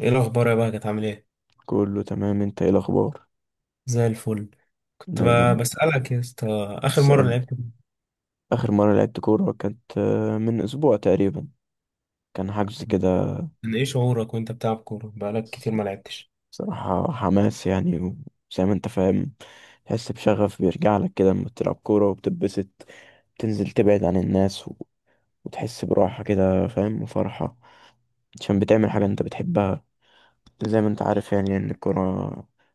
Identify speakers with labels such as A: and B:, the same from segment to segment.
A: ايه الاخبار يا بقى؟ كانت عامل ايه؟
B: كله تمام. انت ايه الاخبار؟
A: زي الفل. كنت
B: دايما.
A: بسالك يا اسطى. اخر مره
B: اسألني.
A: لعبت
B: اخر مرة لعبت كورة كانت من اسبوع تقريبا. كان حجز كده.
A: كان ايه شعورك وانت بتلعب كوره بقالك كتير ما لعبتش؟
B: بصراحة حماس، يعني وزي ما انت فاهم، تحس بشغف بيرجع لك كده لما بتلعب كورة وبتتبسط، تنزل تبعد عن الناس، وتحس براحة كده، فاهم، وفرحة، عشان بتعمل حاجة انت بتحبها. زي ما انت عارف يعني ان الكورة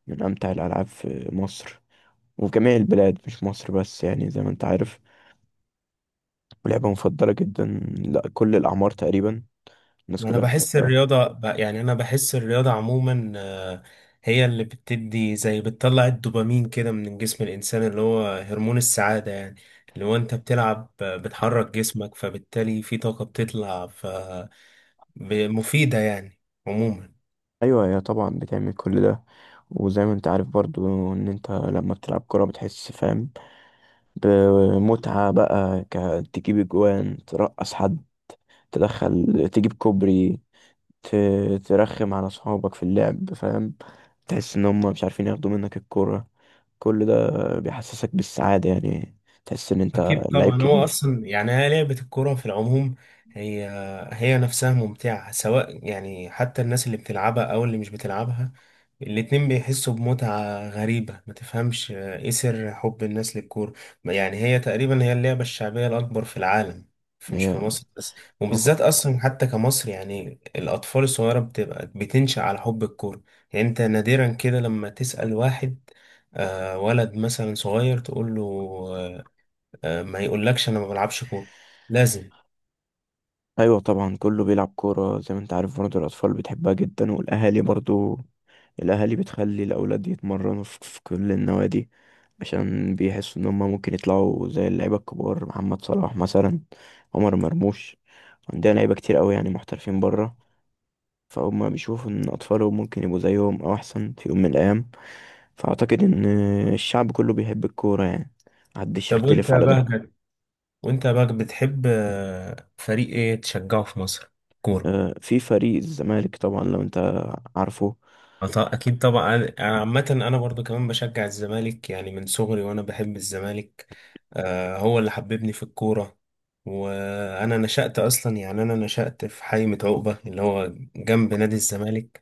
B: من امتع الالعاب في مصر، وفي جميع البلاد مش مصر بس، يعني زي ما انت عارف. ولعبة مفضلة جدا، لا، كل الأعمار تقريبا الناس
A: ما انا
B: كلها
A: بحس
B: بتحبها.
A: الرياضه يعني انا بحس الرياضه عموما، هي اللي بتدي زي بتطلع الدوبامين كده من جسم الانسان اللي هو هرمون السعاده يعني. اللي هو انت بتلعب، بتحرك جسمك فبالتالي في طاقه بتطلع ف مفيده يعني عموما.
B: أيوة، هي طبعا بتعمل كل ده. وزي ما انت عارف برضو ان انت لما بتلعب كرة بتحس، فاهم، بمتعة بقى، تجيب اجوان، ترقص حد، تدخل تجيب كوبري، ترخم على صحابك في اللعب، فاهم. تحس ان هم مش عارفين ياخدوا منك الكرة. كل ده بيحسسك بالسعادة يعني. تحس ان انت
A: أكيد
B: لعيب
A: طبعا. هو
B: كبير.
A: أصلا يعني هي لعبة الكورة في العموم هي هي نفسها ممتعة، سواء يعني حتى الناس اللي بتلعبها أو اللي مش بتلعبها، الاتنين بيحسوا بمتعة غريبة. ما تفهمش إيه سر حب الناس للكورة. يعني هي تقريبا هي اللعبة الشعبية الأكبر في العالم، مش
B: هي
A: في مصر بس. وبالذات أصلا حتى كمصر يعني الأطفال الصغيرة بتبقى بتنشأ على حب الكورة. يعني أنت نادرا كده لما تسأل واحد، ولد مثلا صغير، تقول له، ما يقولكش انا ما بلعبش كورة. لازم.
B: ايوه طبعا كله بيلعب كوره، زي ما انت عارف برضه. الاطفال بتحبها جدا والاهالي برضه. الاهالي بتخلي الاولاد يتمرنوا في كل النوادي، عشان بيحسوا ان هم ممكن يطلعوا زي اللعيبه الكبار، محمد صلاح مثلا، عمر مرموش. عندنا لعيبه كتير قوي يعني، محترفين بره. فهم بيشوفوا ان اطفالهم ممكن يبقوا زيهم او احسن في يوم من الايام. فاعتقد ان الشعب كله بيحب الكوره يعني. محدش
A: طب وانت
B: يختلف
A: يا
B: على ده.
A: بهجت وانت يا بهجت بتحب، فريق ايه تشجعه في مصر؟ كورة.
B: في فريق الزمالك طبعا، لو انت عارفه.
A: اكيد طبعا. انا عامة انا برضو كمان بشجع الزمالك، يعني من صغري وانا بحب الزمالك. هو اللي حببني في الكورة. وانا نشأت اصلا، يعني انا نشأت في حي عقبة اللي هو جنب نادي الزمالك.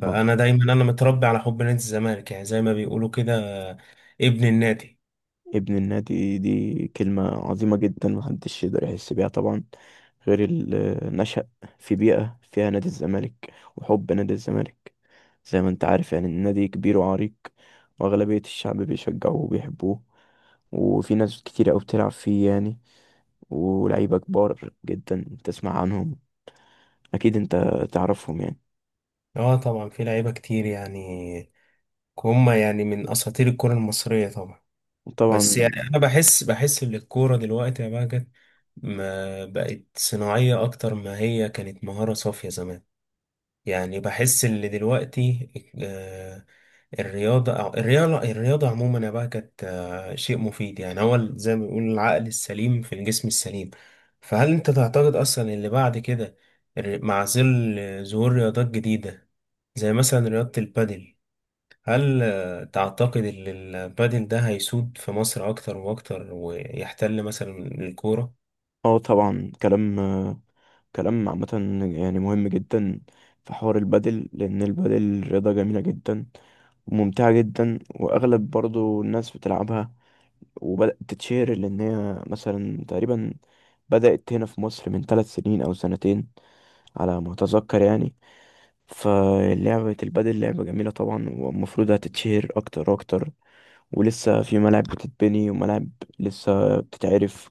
A: فانا دايما انا متربي على حب نادي الزمالك، يعني زي ما بيقولوا كده، آه، ابن النادي.
B: ابن النادي دي كلمة عظيمة جدا، محدش يقدر يحس بيها طبعا غير اللي نشأ في بيئة فيها نادي الزمالك وحب نادي الزمالك. زي ما انت عارف يعني النادي كبير وعريق، وأغلبية الشعب بيشجعوه وبيحبوه، وفي ناس كتير أوي بتلعب فيه يعني، ولعيبة كبار جدا تسمع عنهم، أكيد انت تعرفهم يعني.
A: اه طبعا في لعيبة كتير يعني. هم يعني من اساطير الكرة المصرية طبعا. بس
B: وطبعا.
A: يعني انا بحس ان الكورة دلوقتي يا بهجت ما بقت صناعية اكتر ما هي كانت مهارة صافية زمان. يعني بحس ان دلوقتي، آه، الرياضة أو الرياضة عموما يا بهجت، شيء مفيد يعني. هو زي ما بيقول العقل السليم في الجسم السليم. فهل انت تعتقد اصلا اللي بعد كده، مع ظل ظهور رياضات جديدة زي مثلا رياضة البادل، هل تعتقد ان البادل ده هيسود في مصر اكتر واكتر ويحتل مثلا الكورة؟
B: اه طبعا، كلام عامة يعني مهم جدا في حوار البادل، لأن البادل رياضة جميلة جدا وممتعة جدا، وأغلب برضو الناس بتلعبها. وبدأت تتشهر لأن هي مثلا تقريبا بدأت هنا في مصر من 3 سنين أو سنتين على ما أتذكر يعني. فلعبة البادل لعبة جميلة طبعا، والمفروض هتتشهر أكتر وأكتر، ولسه في ملاعب بتتبني، وملاعب لسه بتتعرف.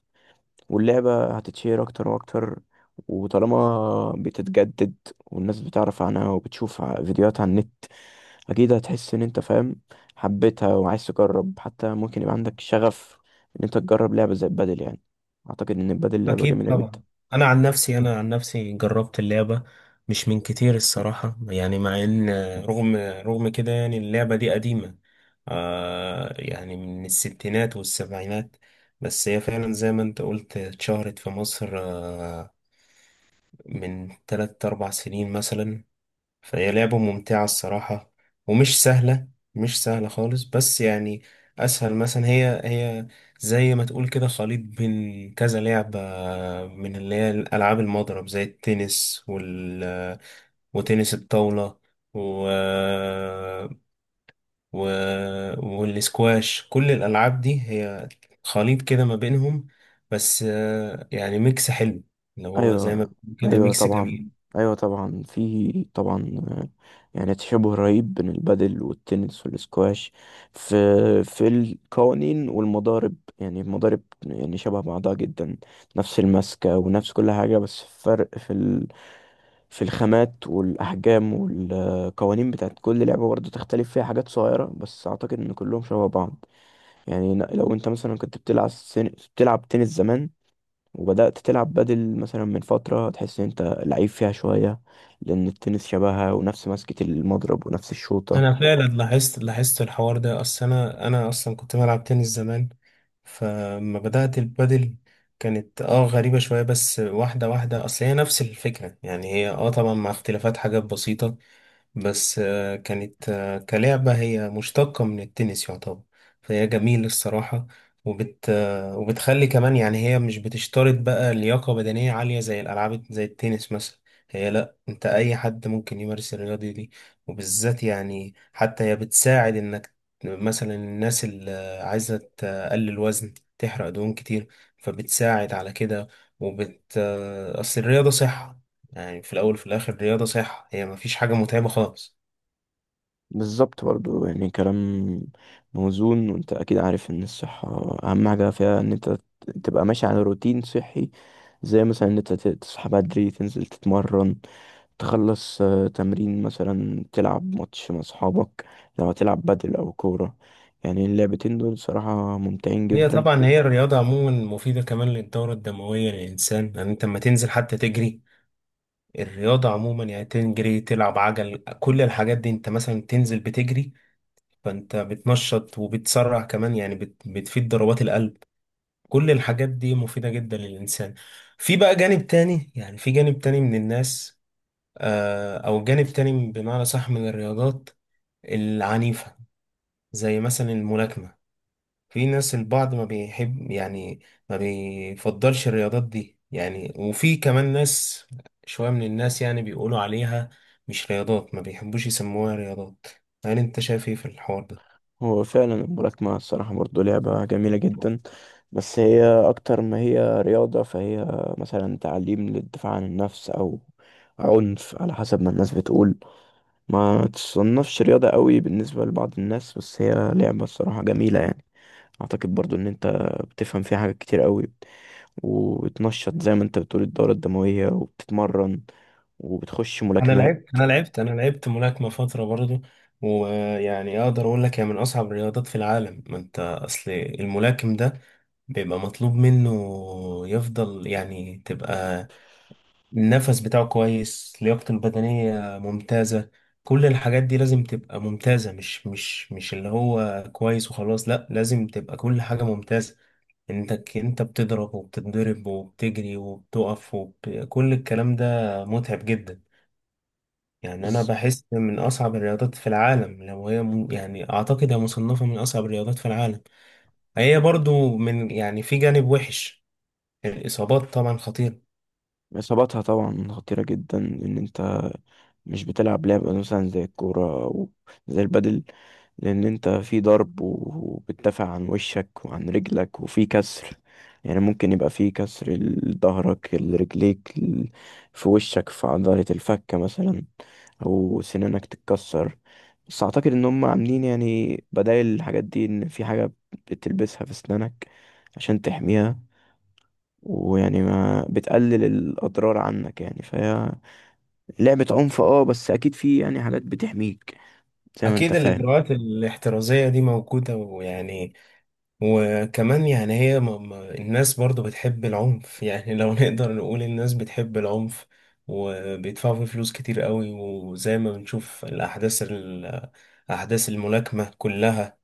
B: واللعبة هتتشير أكتر وأكتر، وطالما بتتجدد والناس بتعرف عنها وبتشوف فيديوهات على النت، أكيد هتحس إن أنت، فاهم، حبيتها وعايز تجرب. حتى ممكن يبقى عندك شغف إن أنت تجرب لعبة زي البادل يعني. أعتقد إن البادل لعبة
A: اكيد
B: جميلة جدا.
A: طبعا. انا عن نفسي جربت اللعبة، مش من كتير الصراحة. يعني مع ان، رغم كده، يعني اللعبة دي قديمة، آه يعني من الستينات والسبعينات. بس هي فعلا زي ما انت قلت اتشهرت في مصر، آه من تلات أربع سنين مثلا. فهي لعبة ممتعة الصراحة، ومش سهلة، مش سهلة خالص، بس يعني أسهل. مثلا هي زي ما تقول كده خليط بين كذا لعبة، من اللي هي ألعاب المضرب زي التنس وتنس الطاولة و... و... والسكواش. كل الألعاب دي هي خليط كده ما بينهم، بس يعني ميكس حلو، اللي هو زي
B: ايوه،
A: ما بيقول كده
B: ايوه
A: ميكس
B: طبعا،
A: جميل.
B: ايوه طبعا، في طبعا، يعني تشابه رهيب بين البادل والتنس والسكواش، في في القوانين والمضارب، يعني المضارب يعني شبه بعضها جدا، نفس المسكة ونفس كل حاجة. بس فرق في الخامات والأحجام، والقوانين بتاعت كل لعبة برضه تختلف فيها حاجات صغيرة، بس أعتقد إن كلهم شبه بعض. يعني لو أنت مثلا كنت بتلعب تنس زمان، وبدأت تلعب بدل مثلا من فترة، تحس ان انت لعيب فيها شوية، لأن التنس شبهها، ونفس مسكة المضرب ونفس الشوطة.
A: انا فعلا لاحظت الحوار ده. اصل انا اصلا كنت بلعب تنس زمان، فلما بدات البادل كانت اه غريبه شويه، بس واحده واحده. اصل هي نفس الفكره، يعني هي اه طبعا مع اختلافات حاجات بسيطه. بس كانت، كلعبة، هي مشتقة من التنس يعتبر. فهي جميل الصراحة. وبتخلي كمان، يعني هي مش بتشترط بقى لياقة بدنية عالية زي الألعاب زي التنس مثلا. هي لأ، أنت أي حد ممكن يمارس الرياضة دي. وبالذات يعني حتى هي بتساعد إنك، مثلا الناس اللي عايزة تقلل وزن تحرق دهون كتير، فبتساعد على كده. وبت آه، أصل الرياضة صحة. يعني في الأول وفي الآخر رياضة صحة، هي مفيش حاجة متعبة خالص.
B: بالظبط برضو يعني، كلام موزون. وانت أكيد عارف ان الصحة أهم حاجة فيها ان انت تبقى ماشي على روتين صحي، زي مثلا ان انت تصحى بدري، تنزل تتمرن، تخلص تمرين، مثلا تلعب ماتش مع صحابك، لو هتلعب بدل أو كورة. يعني اللعبتين دول صراحة ممتعين
A: هي
B: جدا.
A: طبعا هي الرياضة عموما مفيدة كمان للدورة الدموية للإنسان. يعني أنت لما تنزل حتى تجري، الرياضة عموما، يعني تجري تلعب عجل، كل الحاجات دي، أنت مثلا تنزل بتجري فأنت بتنشط وبتسرع كمان، يعني بتفيد ضربات القلب. كل الحاجات دي مفيدة جدا للإنسان. في بقى جانب تاني، يعني في جانب تاني من الناس، أو جانب تاني بمعنى صح، من الرياضات العنيفة زي مثلا الملاكمة. في ناس، البعض ما بيحب يعني ما بيفضلش الرياضات دي. يعني وفي كمان ناس، شوية من الناس يعني بيقولوا عليها مش رياضات، ما بيحبوش يسموها رياضات. هل انت شايف ايه في الحوار ده؟
B: هو فعلا الملاكمة الصراحة برضه لعبة جميلة جدا، بس هي أكتر ما هي رياضة. فهي مثلا تعليم للدفاع عن النفس، أو عنف على حسب ما الناس بتقول. ما تصنفش رياضة قوي بالنسبة لبعض الناس، بس هي لعبة الصراحة جميلة يعني. أعتقد برضه إن أنت بتفهم فيها حاجات كتير قوي، وبتنشط زي ما أنت بتقول الدورة الدموية، وبتتمرن، وبتخش
A: انا
B: ملاكمات.
A: لعبت انا لعبت انا لعبت ملاكمة فترة برضو. ويعني اقدر اقول لك هي من اصعب الرياضات في العالم. ما انت اصل الملاكم ده بيبقى مطلوب منه يفضل، يعني تبقى النفس بتاعه كويس، لياقته البدنية ممتازة، كل الحاجات دي لازم تبقى ممتازة، مش اللي هو كويس وخلاص. لا، لازم تبقى كل حاجة ممتازة. انت انت بتضرب وبتتضرب وبتجري وبتقف كل الكلام ده متعب جدا. يعني انا
B: بس
A: بحس من اصعب الرياضات في العالم. لو يعني اعتقد هي مصنفة من اصعب الرياضات في العالم. هي برضو من، يعني في جانب وحش، الاصابات طبعا خطيرة.
B: إصاباتها طبعا خطيرة جدا، إن أنت مش بتلعب لعبة مثلا زي الكورة أو زي البادل، لأن أنت في ضرب، وبتدافع عن وشك وعن رجلك، وفي كسر، يعني ممكن يبقى في كسر لظهرك، لرجليك، في وشك، في عضلة الفك مثلا، أو سنانك تتكسر. بس أعتقد إن هم عاملين يعني بدايل الحاجات دي، إن في حاجة بتلبسها في سنانك عشان تحميها، ويعني ما بتقلل الأضرار عنك. يعني فهي لعبة عنف، بس اكيد في يعني حاجات بتحميك، زي ما انت
A: أكيد
B: فاهم.
A: الإجراءات الاحترازية دي موجودة. ويعني وكمان يعني الناس برضو بتحب العنف. يعني لو نقدر نقول الناس بتحب العنف، وبيدفعوا فيه فلوس كتير قوي. وزي ما بنشوف أحداث الملاكمة كلها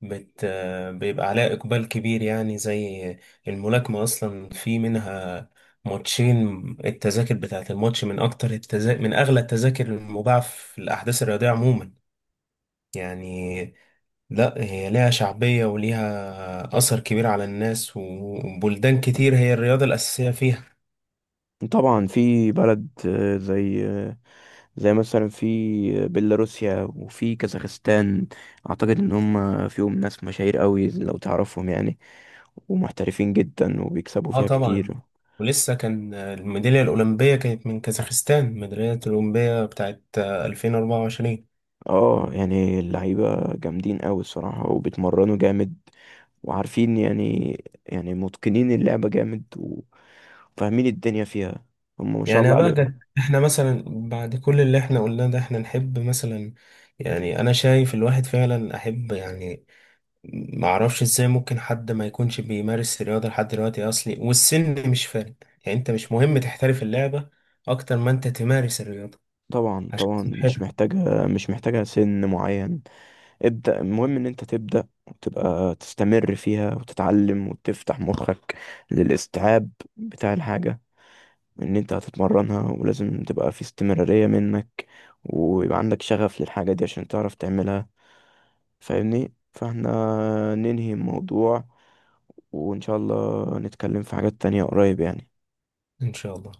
A: بت... بيبقى عليها إقبال كبير. يعني زي الملاكمة أصلا، في منها ماتشين. التذاكر بتاعت الماتش من أكتر من أغلى التذاكر المباعة في الأحداث الرياضية عموما يعني. لا، هي ليها شعبية وليها أثر كبير على الناس، وبلدان كتير هي الرياضة الأساسية فيها.
B: طبعا في بلد، زي، زي مثلا في بيلاروسيا وفي كازاخستان، اعتقد ان هم فيهم ناس مشاهير قوي لو تعرفهم يعني، ومحترفين جدا وبيكسبوا
A: اه
B: فيها كتير.
A: طبعا. ولسه كان الميدالية الأولمبية، كانت من كازاخستان، الميدالية الأولمبية بتاعت 2024.
B: اه، يعني اللعيبة جامدين قوي الصراحة، وبيتمرنوا جامد، وعارفين يعني، متقنين اللعبة جامد، وفاهمين الدنيا فيها. هم ما شاء
A: يعني يا
B: الله عليهم.
A: بهجت احنا مثلا، بعد كل اللي احنا قلناه ده، احنا نحب مثلا، يعني أنا شايف الواحد فعلا أحب. يعني معرفش ازاي ممكن حد ما يكونش بيمارس الرياضة لحد دلوقتي اصلي، والسن مش فارق. يعني انت مش مهم تحترف اللعبة اكتر ما انت تمارس الرياضة
B: طبعا،
A: عشان
B: طبعا مش
A: صحتك.
B: محتاجة، مش محتاجة سن معين. ابدأ. المهم ان انت تبدأ وتبقى تستمر فيها وتتعلم، وتفتح مخك للاستيعاب بتاع الحاجة، ان انت هتتمرنها ولازم تبقى في استمرارية منك، ويبقى عندك شغف للحاجة دي عشان تعرف تعملها. فاهمني؟ فاحنا ننهي الموضوع، وان شاء الله نتكلم في حاجات تانية قريب يعني.
A: ان شاء الله.